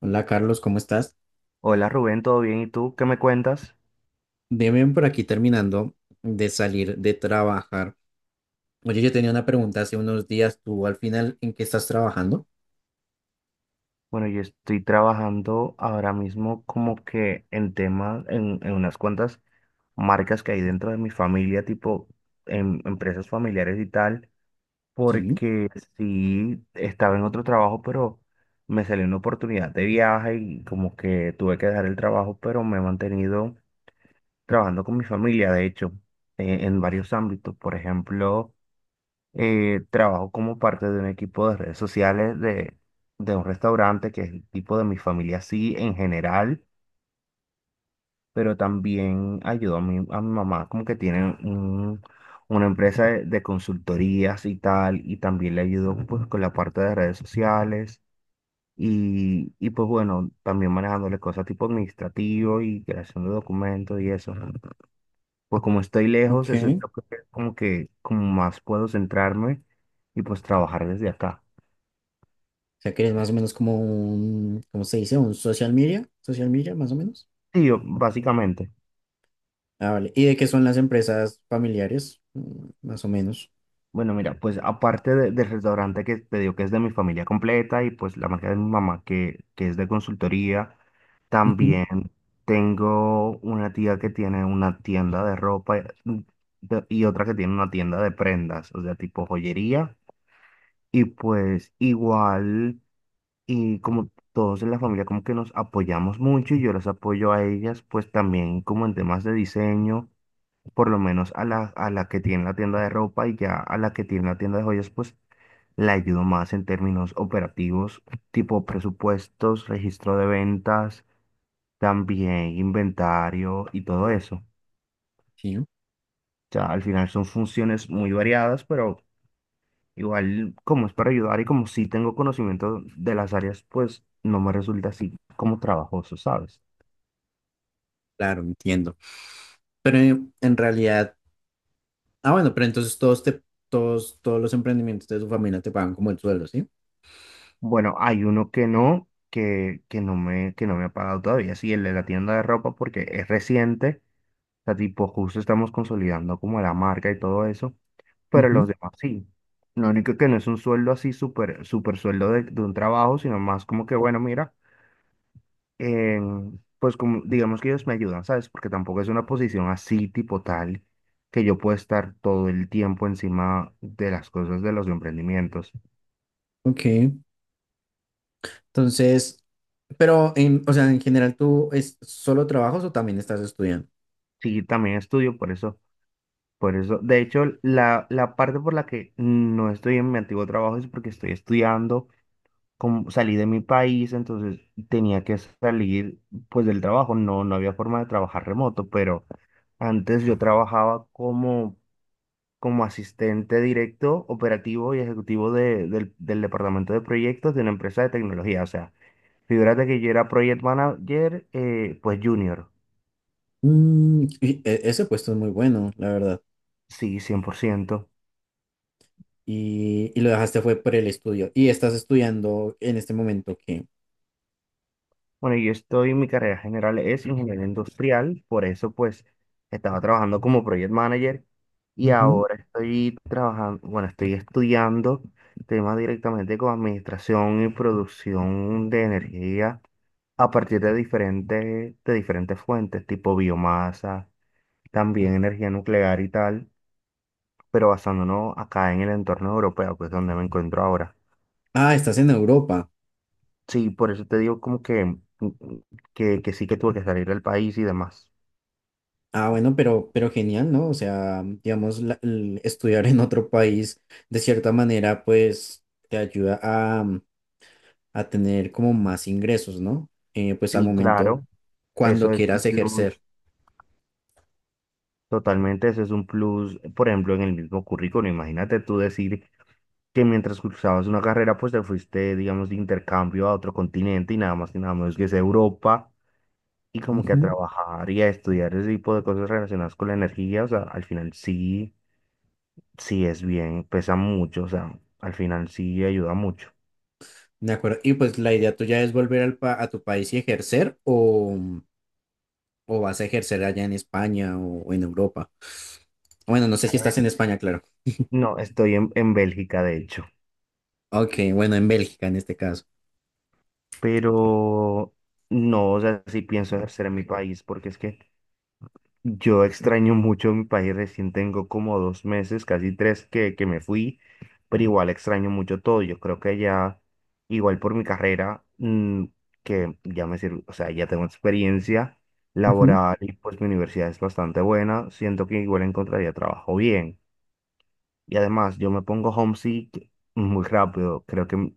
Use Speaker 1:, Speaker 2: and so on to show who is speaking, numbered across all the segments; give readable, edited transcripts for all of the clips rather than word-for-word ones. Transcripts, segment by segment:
Speaker 1: Hola Carlos, ¿cómo estás?
Speaker 2: Hola Rubén, ¿todo bien? ¿Y tú qué me cuentas?
Speaker 1: Bien, bien por aquí terminando de salir de trabajar. Oye, yo tenía una pregunta hace unos días. ¿Tú al final en qué estás trabajando?
Speaker 2: Bueno, yo estoy trabajando ahora mismo como que en temas, en unas cuantas marcas que hay dentro de mi familia, tipo en empresas familiares y tal,
Speaker 1: Sí.
Speaker 2: porque sí estaba en otro trabajo, pero me salió una oportunidad de viaje y como que tuve que dejar el trabajo, pero me he mantenido trabajando con mi familia, de hecho, en varios ámbitos, por ejemplo. Trabajo como parte de un equipo de redes sociales de un restaurante que es el tipo de mi familia así en general, pero también ayudo a a mi mamá como que tiene una empresa de consultorías y tal, y también le ayudo pues con la parte de redes sociales. Y pues bueno, también manejándole cosas tipo administrativo y creación de documentos y eso. Pues como estoy lejos,
Speaker 1: Ok.
Speaker 2: eso es lo que como más puedo centrarme y pues trabajar desde acá.
Speaker 1: O sea que eres más o menos como un, ¿cómo se dice? Un social media más o menos.
Speaker 2: Sí, básicamente.
Speaker 1: Ah, vale. ¿Y de qué son las empresas familiares? Más o menos.
Speaker 2: Bueno, mira, pues aparte del restaurante que te digo que es de mi familia completa y pues la marca de mi mamá que es de consultoría,
Speaker 1: Ujú.
Speaker 2: también tengo una tía que tiene una tienda de ropa, y otra que tiene una tienda de prendas, o sea, tipo joyería. Y pues igual, y como todos en la familia como que nos apoyamos mucho y yo las apoyo a ellas, pues también como en temas de diseño. Por lo menos a a la que tiene la tienda de ropa y ya a la que tiene la tienda de joyas, pues la ayudo más en términos operativos, tipo presupuestos, registro de ventas, también inventario y todo eso. O
Speaker 1: Sí.
Speaker 2: sea, al final son funciones muy variadas, pero igual como es para ayudar y como sí tengo conocimiento de las áreas, pues no me resulta así como trabajoso, ¿sabes?
Speaker 1: Claro, entiendo. Pero en realidad, bueno, pero entonces todos los emprendimientos de tu familia te pagan como el sueldo, ¿sí?
Speaker 2: Bueno, hay uno que no, que no me ha pagado todavía, sí, el de la tienda de ropa porque es reciente. Sea, tipo, justo estamos consolidando como la marca y todo eso, pero
Speaker 1: Ujú.
Speaker 2: los demás sí. Lo único que no es un sueldo así, súper sueldo de un trabajo, sino más como que, bueno, mira, pues como, digamos que ellos me ayudan, ¿sabes? Porque tampoco es una posición así, tipo tal, que yo pueda estar todo el tiempo encima de las cosas de los emprendimientos.
Speaker 1: Ok. Entonces, o sea, en general, ¿tú es solo trabajas o también estás estudiando?
Speaker 2: Sí, también estudio por eso. Por eso, de hecho, la parte por la que no estoy en mi antiguo trabajo es porque estoy estudiando, como salí de mi país, entonces tenía que salir pues del trabajo, no, no había forma de trabajar remoto, pero antes yo trabajaba como, como asistente directo, operativo y ejecutivo del departamento de proyectos de una empresa de tecnología, o sea, figúrate que yo era project manager, pues junior,
Speaker 1: Ese puesto es muy bueno, la verdad.
Speaker 2: sí, cien por ciento.
Speaker 1: Y lo dejaste fue por el estudio. Y estás estudiando en este momento que...
Speaker 2: Bueno, yo estoy, mi carrera general es ingeniería industrial, por eso pues estaba trabajando como project manager y ahora estoy trabajando, bueno, estoy estudiando temas directamente con administración y producción de energía a partir de diferentes fuentes, tipo biomasa, también energía nuclear y tal, pero basándonos acá en el entorno europeo, que es donde me encuentro ahora.
Speaker 1: Ah, estás en Europa.
Speaker 2: Sí, por eso te digo como que, que sí que tuve que salir del país y demás.
Speaker 1: Bueno, pero genial, ¿no? O sea, digamos, el estudiar en otro país, de cierta manera, pues te ayuda a, a tener como más ingresos, ¿no? Pues al
Speaker 2: Sí,
Speaker 1: momento,
Speaker 2: claro,
Speaker 1: cuando
Speaker 2: eso es un
Speaker 1: quieras ejercer.
Speaker 2: plus, totalmente, eso es un plus, por ejemplo, en el mismo currículo, imagínate tú decir que mientras cursabas una carrera, pues te fuiste, digamos, de intercambio a otro continente y nada más y nada menos que es Europa, y como que a trabajar y a estudiar ese tipo de cosas relacionadas con la energía, o sea, al final sí, sí es bien, pesa mucho, o sea, al final sí ayuda mucho,
Speaker 1: De acuerdo. Y pues la idea tuya es volver a tu país y ejercer o vas a ejercer allá en España o en Europa. Bueno, no sé si
Speaker 2: ¿sabes?
Speaker 1: estás en España, claro.
Speaker 2: No, estoy en Bélgica, de hecho,
Speaker 1: Ok, bueno, en Bélgica en este caso.
Speaker 2: pero no, o sea, sí pienso ejercer en mi país, porque es que... Yo extraño mucho mi país, recién tengo como dos meses, casi tres que me fui, pero igual extraño mucho todo. Yo creo que ya, igual por mi carrera, que ya me sirve, o sea, ya tengo experiencia
Speaker 1: Ujú.
Speaker 2: laboral y pues mi universidad es bastante buena, siento que igual encontraría trabajo bien. Y además, yo me pongo homesick muy rápido, creo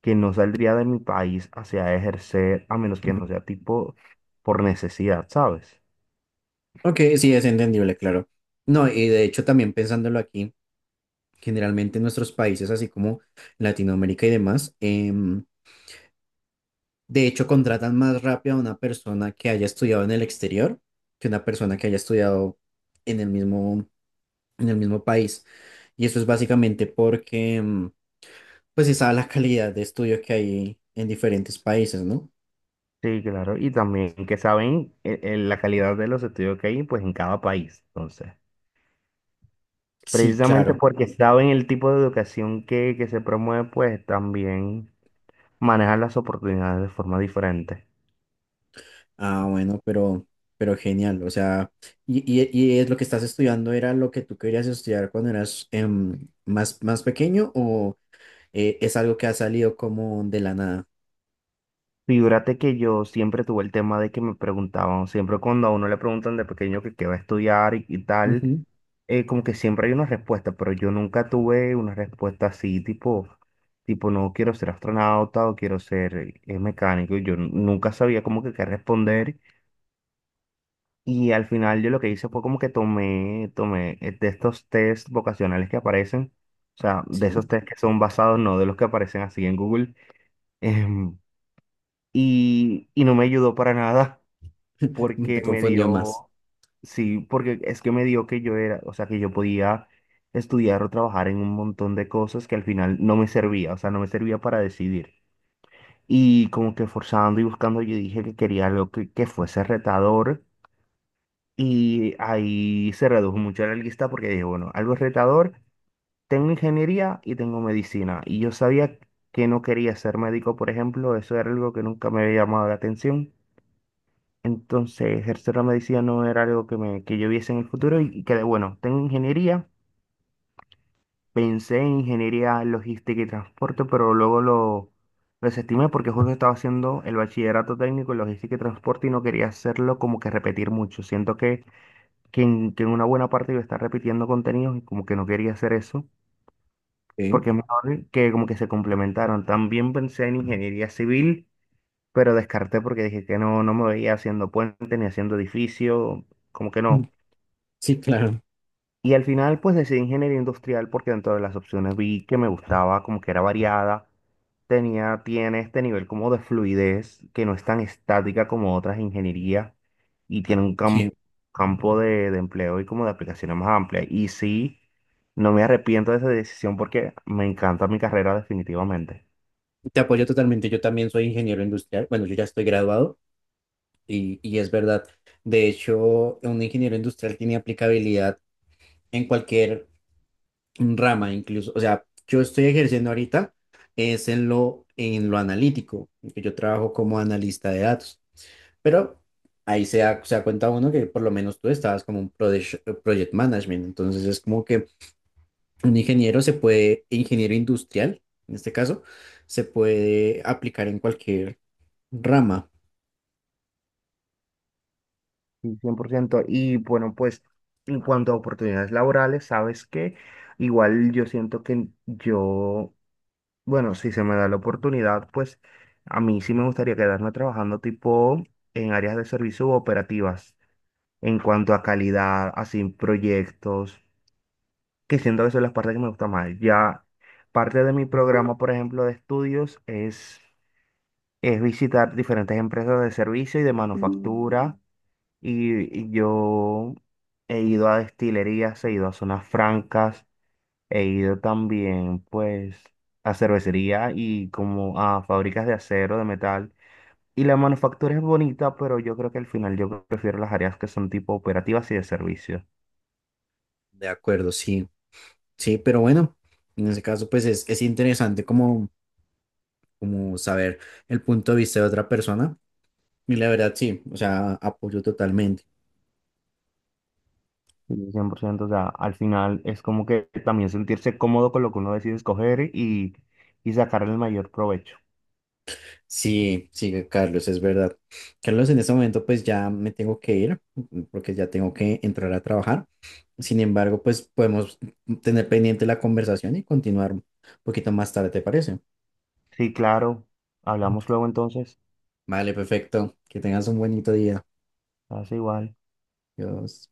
Speaker 2: que no saldría de mi país hacia ejercer, a menos que no sea tipo por necesidad, ¿sabes?
Speaker 1: Ok, sí, es entendible, claro. No, y de hecho también pensándolo aquí, generalmente en nuestros países, así como Latinoamérica y demás, de hecho contratan más rápido a una persona que haya estudiado en el exterior que una persona que haya estudiado en el mismo en el mismo país. Y eso es básicamente porque, pues, se sabe la calidad de estudio que hay en diferentes países, ¿no?
Speaker 2: Sí, claro. Y también que saben la calidad de los estudios que hay, pues en cada país. Entonces,
Speaker 1: Sí, claro.
Speaker 2: precisamente porque saben el tipo de educación que se promueve, pues también manejan las oportunidades de forma diferente.
Speaker 1: Bueno, pero genial. O sea, y es lo que estás estudiando, ¿era lo que tú querías estudiar cuando eras más pequeño o es algo que ha salido como de la nada?
Speaker 2: Figúrate que yo siempre tuve el tema de que me preguntaban, siempre cuando a uno le preguntan de pequeño que qué va a estudiar y tal,
Speaker 1: Ujú.
Speaker 2: como que siempre hay una respuesta, pero yo nunca tuve una respuesta así, tipo, tipo, no quiero ser astronauta o quiero ser mecánico, yo nunca sabía como que qué responder y al final yo lo que hice fue como que tomé, tomé de estos test vocacionales que aparecen, o sea, de esos
Speaker 1: Sí.
Speaker 2: test que son basados, no de los que aparecen así en Google, em, y no me ayudó para nada. Porque
Speaker 1: Te
Speaker 2: me
Speaker 1: confundió más.
Speaker 2: dio, sí, porque es que me dio que yo era, o sea, que yo podía estudiar o trabajar en un montón de cosas que al final no me servía, o sea, no me servía para decidir. Y como que forzando y buscando, yo dije que quería algo que fuese retador y ahí se redujo mucho la lista porque dije, bueno, algo retador, tengo ingeniería y tengo medicina. Y yo sabía que no quería ser médico, por ejemplo, eso era algo que nunca me había llamado la atención. Entonces, ejercer la medicina no era algo que yo viese en el futuro y, que, bueno, tengo ingeniería, pensé en ingeniería logística y transporte, pero luego lo desestimé porque justo estaba haciendo el bachillerato técnico en logística y transporte y no quería hacerlo como que repetir mucho. Siento que en una buena parte iba a estar repitiendo contenidos y como que no quería hacer eso,
Speaker 1: Sí.
Speaker 2: porque es mejor que como que se complementaron. También pensé en ingeniería civil, pero descarté porque dije que no, no me veía haciendo puente ni haciendo edificio, como que
Speaker 1: Mm,
Speaker 2: no.
Speaker 1: sí, claro.
Speaker 2: Y al final pues decidí ingeniería industrial porque dentro de las opciones vi que me gustaba, como que era variada, tiene este nivel como de fluidez que no es tan estática como otras ingenierías y tiene un
Speaker 1: Sí,
Speaker 2: campo de empleo y como de aplicaciones más amplia. Y sí, no me arrepiento de esa decisión porque me encanta mi carrera definitivamente.
Speaker 1: te apoyo totalmente. Yo también soy ingeniero industrial. Bueno, yo ya estoy graduado. Y es verdad. De hecho, un ingeniero industrial tiene aplicabilidad en cualquier rama, incluso. O sea, yo estoy ejerciendo ahorita es en lo analítico, que yo trabajo como analista de datos. Pero ahí se da cuenta uno que por lo menos tú estabas como un project management. Entonces es como que un ingeniero ingeniero industrial, en este caso, se puede aplicar en cualquier rama.
Speaker 2: Sí, cien por ciento. Y bueno, pues en cuanto a oportunidades laborales, sabes que igual yo siento que yo, bueno, si se me da la oportunidad, pues a mí sí me gustaría quedarme trabajando tipo en áreas de servicio u operativas, en cuanto a calidad, así proyectos, que siento que son las partes que me gusta más. Ya parte de mi programa, por ejemplo, de estudios es visitar diferentes empresas de servicio y de manufactura y yo he ido a destilerías, he ido a zonas francas, he ido también, pues, a cervecería y como a fábricas de acero, de metal. Y la manufactura es bonita, pero yo creo que al final yo prefiero las áreas que son tipo operativas y de servicio.
Speaker 1: De acuerdo, sí. Sí, pero bueno, en ese caso pues es interesante como, como saber el punto de vista de otra persona y la verdad sí, o sea, apoyo totalmente.
Speaker 2: Y cien por ciento, o sea, al final es como que también sentirse cómodo con lo que uno decide escoger y sacarle el mayor provecho.
Speaker 1: Sí, sí, Carlos, es verdad. Carlos, en este momento pues ya me tengo que ir porque ya tengo que entrar a trabajar. Sin embargo, pues podemos tener pendiente la conversación y continuar un poquito más tarde, ¿te parece?
Speaker 2: Sí, claro. Hablamos luego entonces.
Speaker 1: Vale, perfecto. Que tengas un bonito día.
Speaker 2: Hace igual.
Speaker 1: Adiós.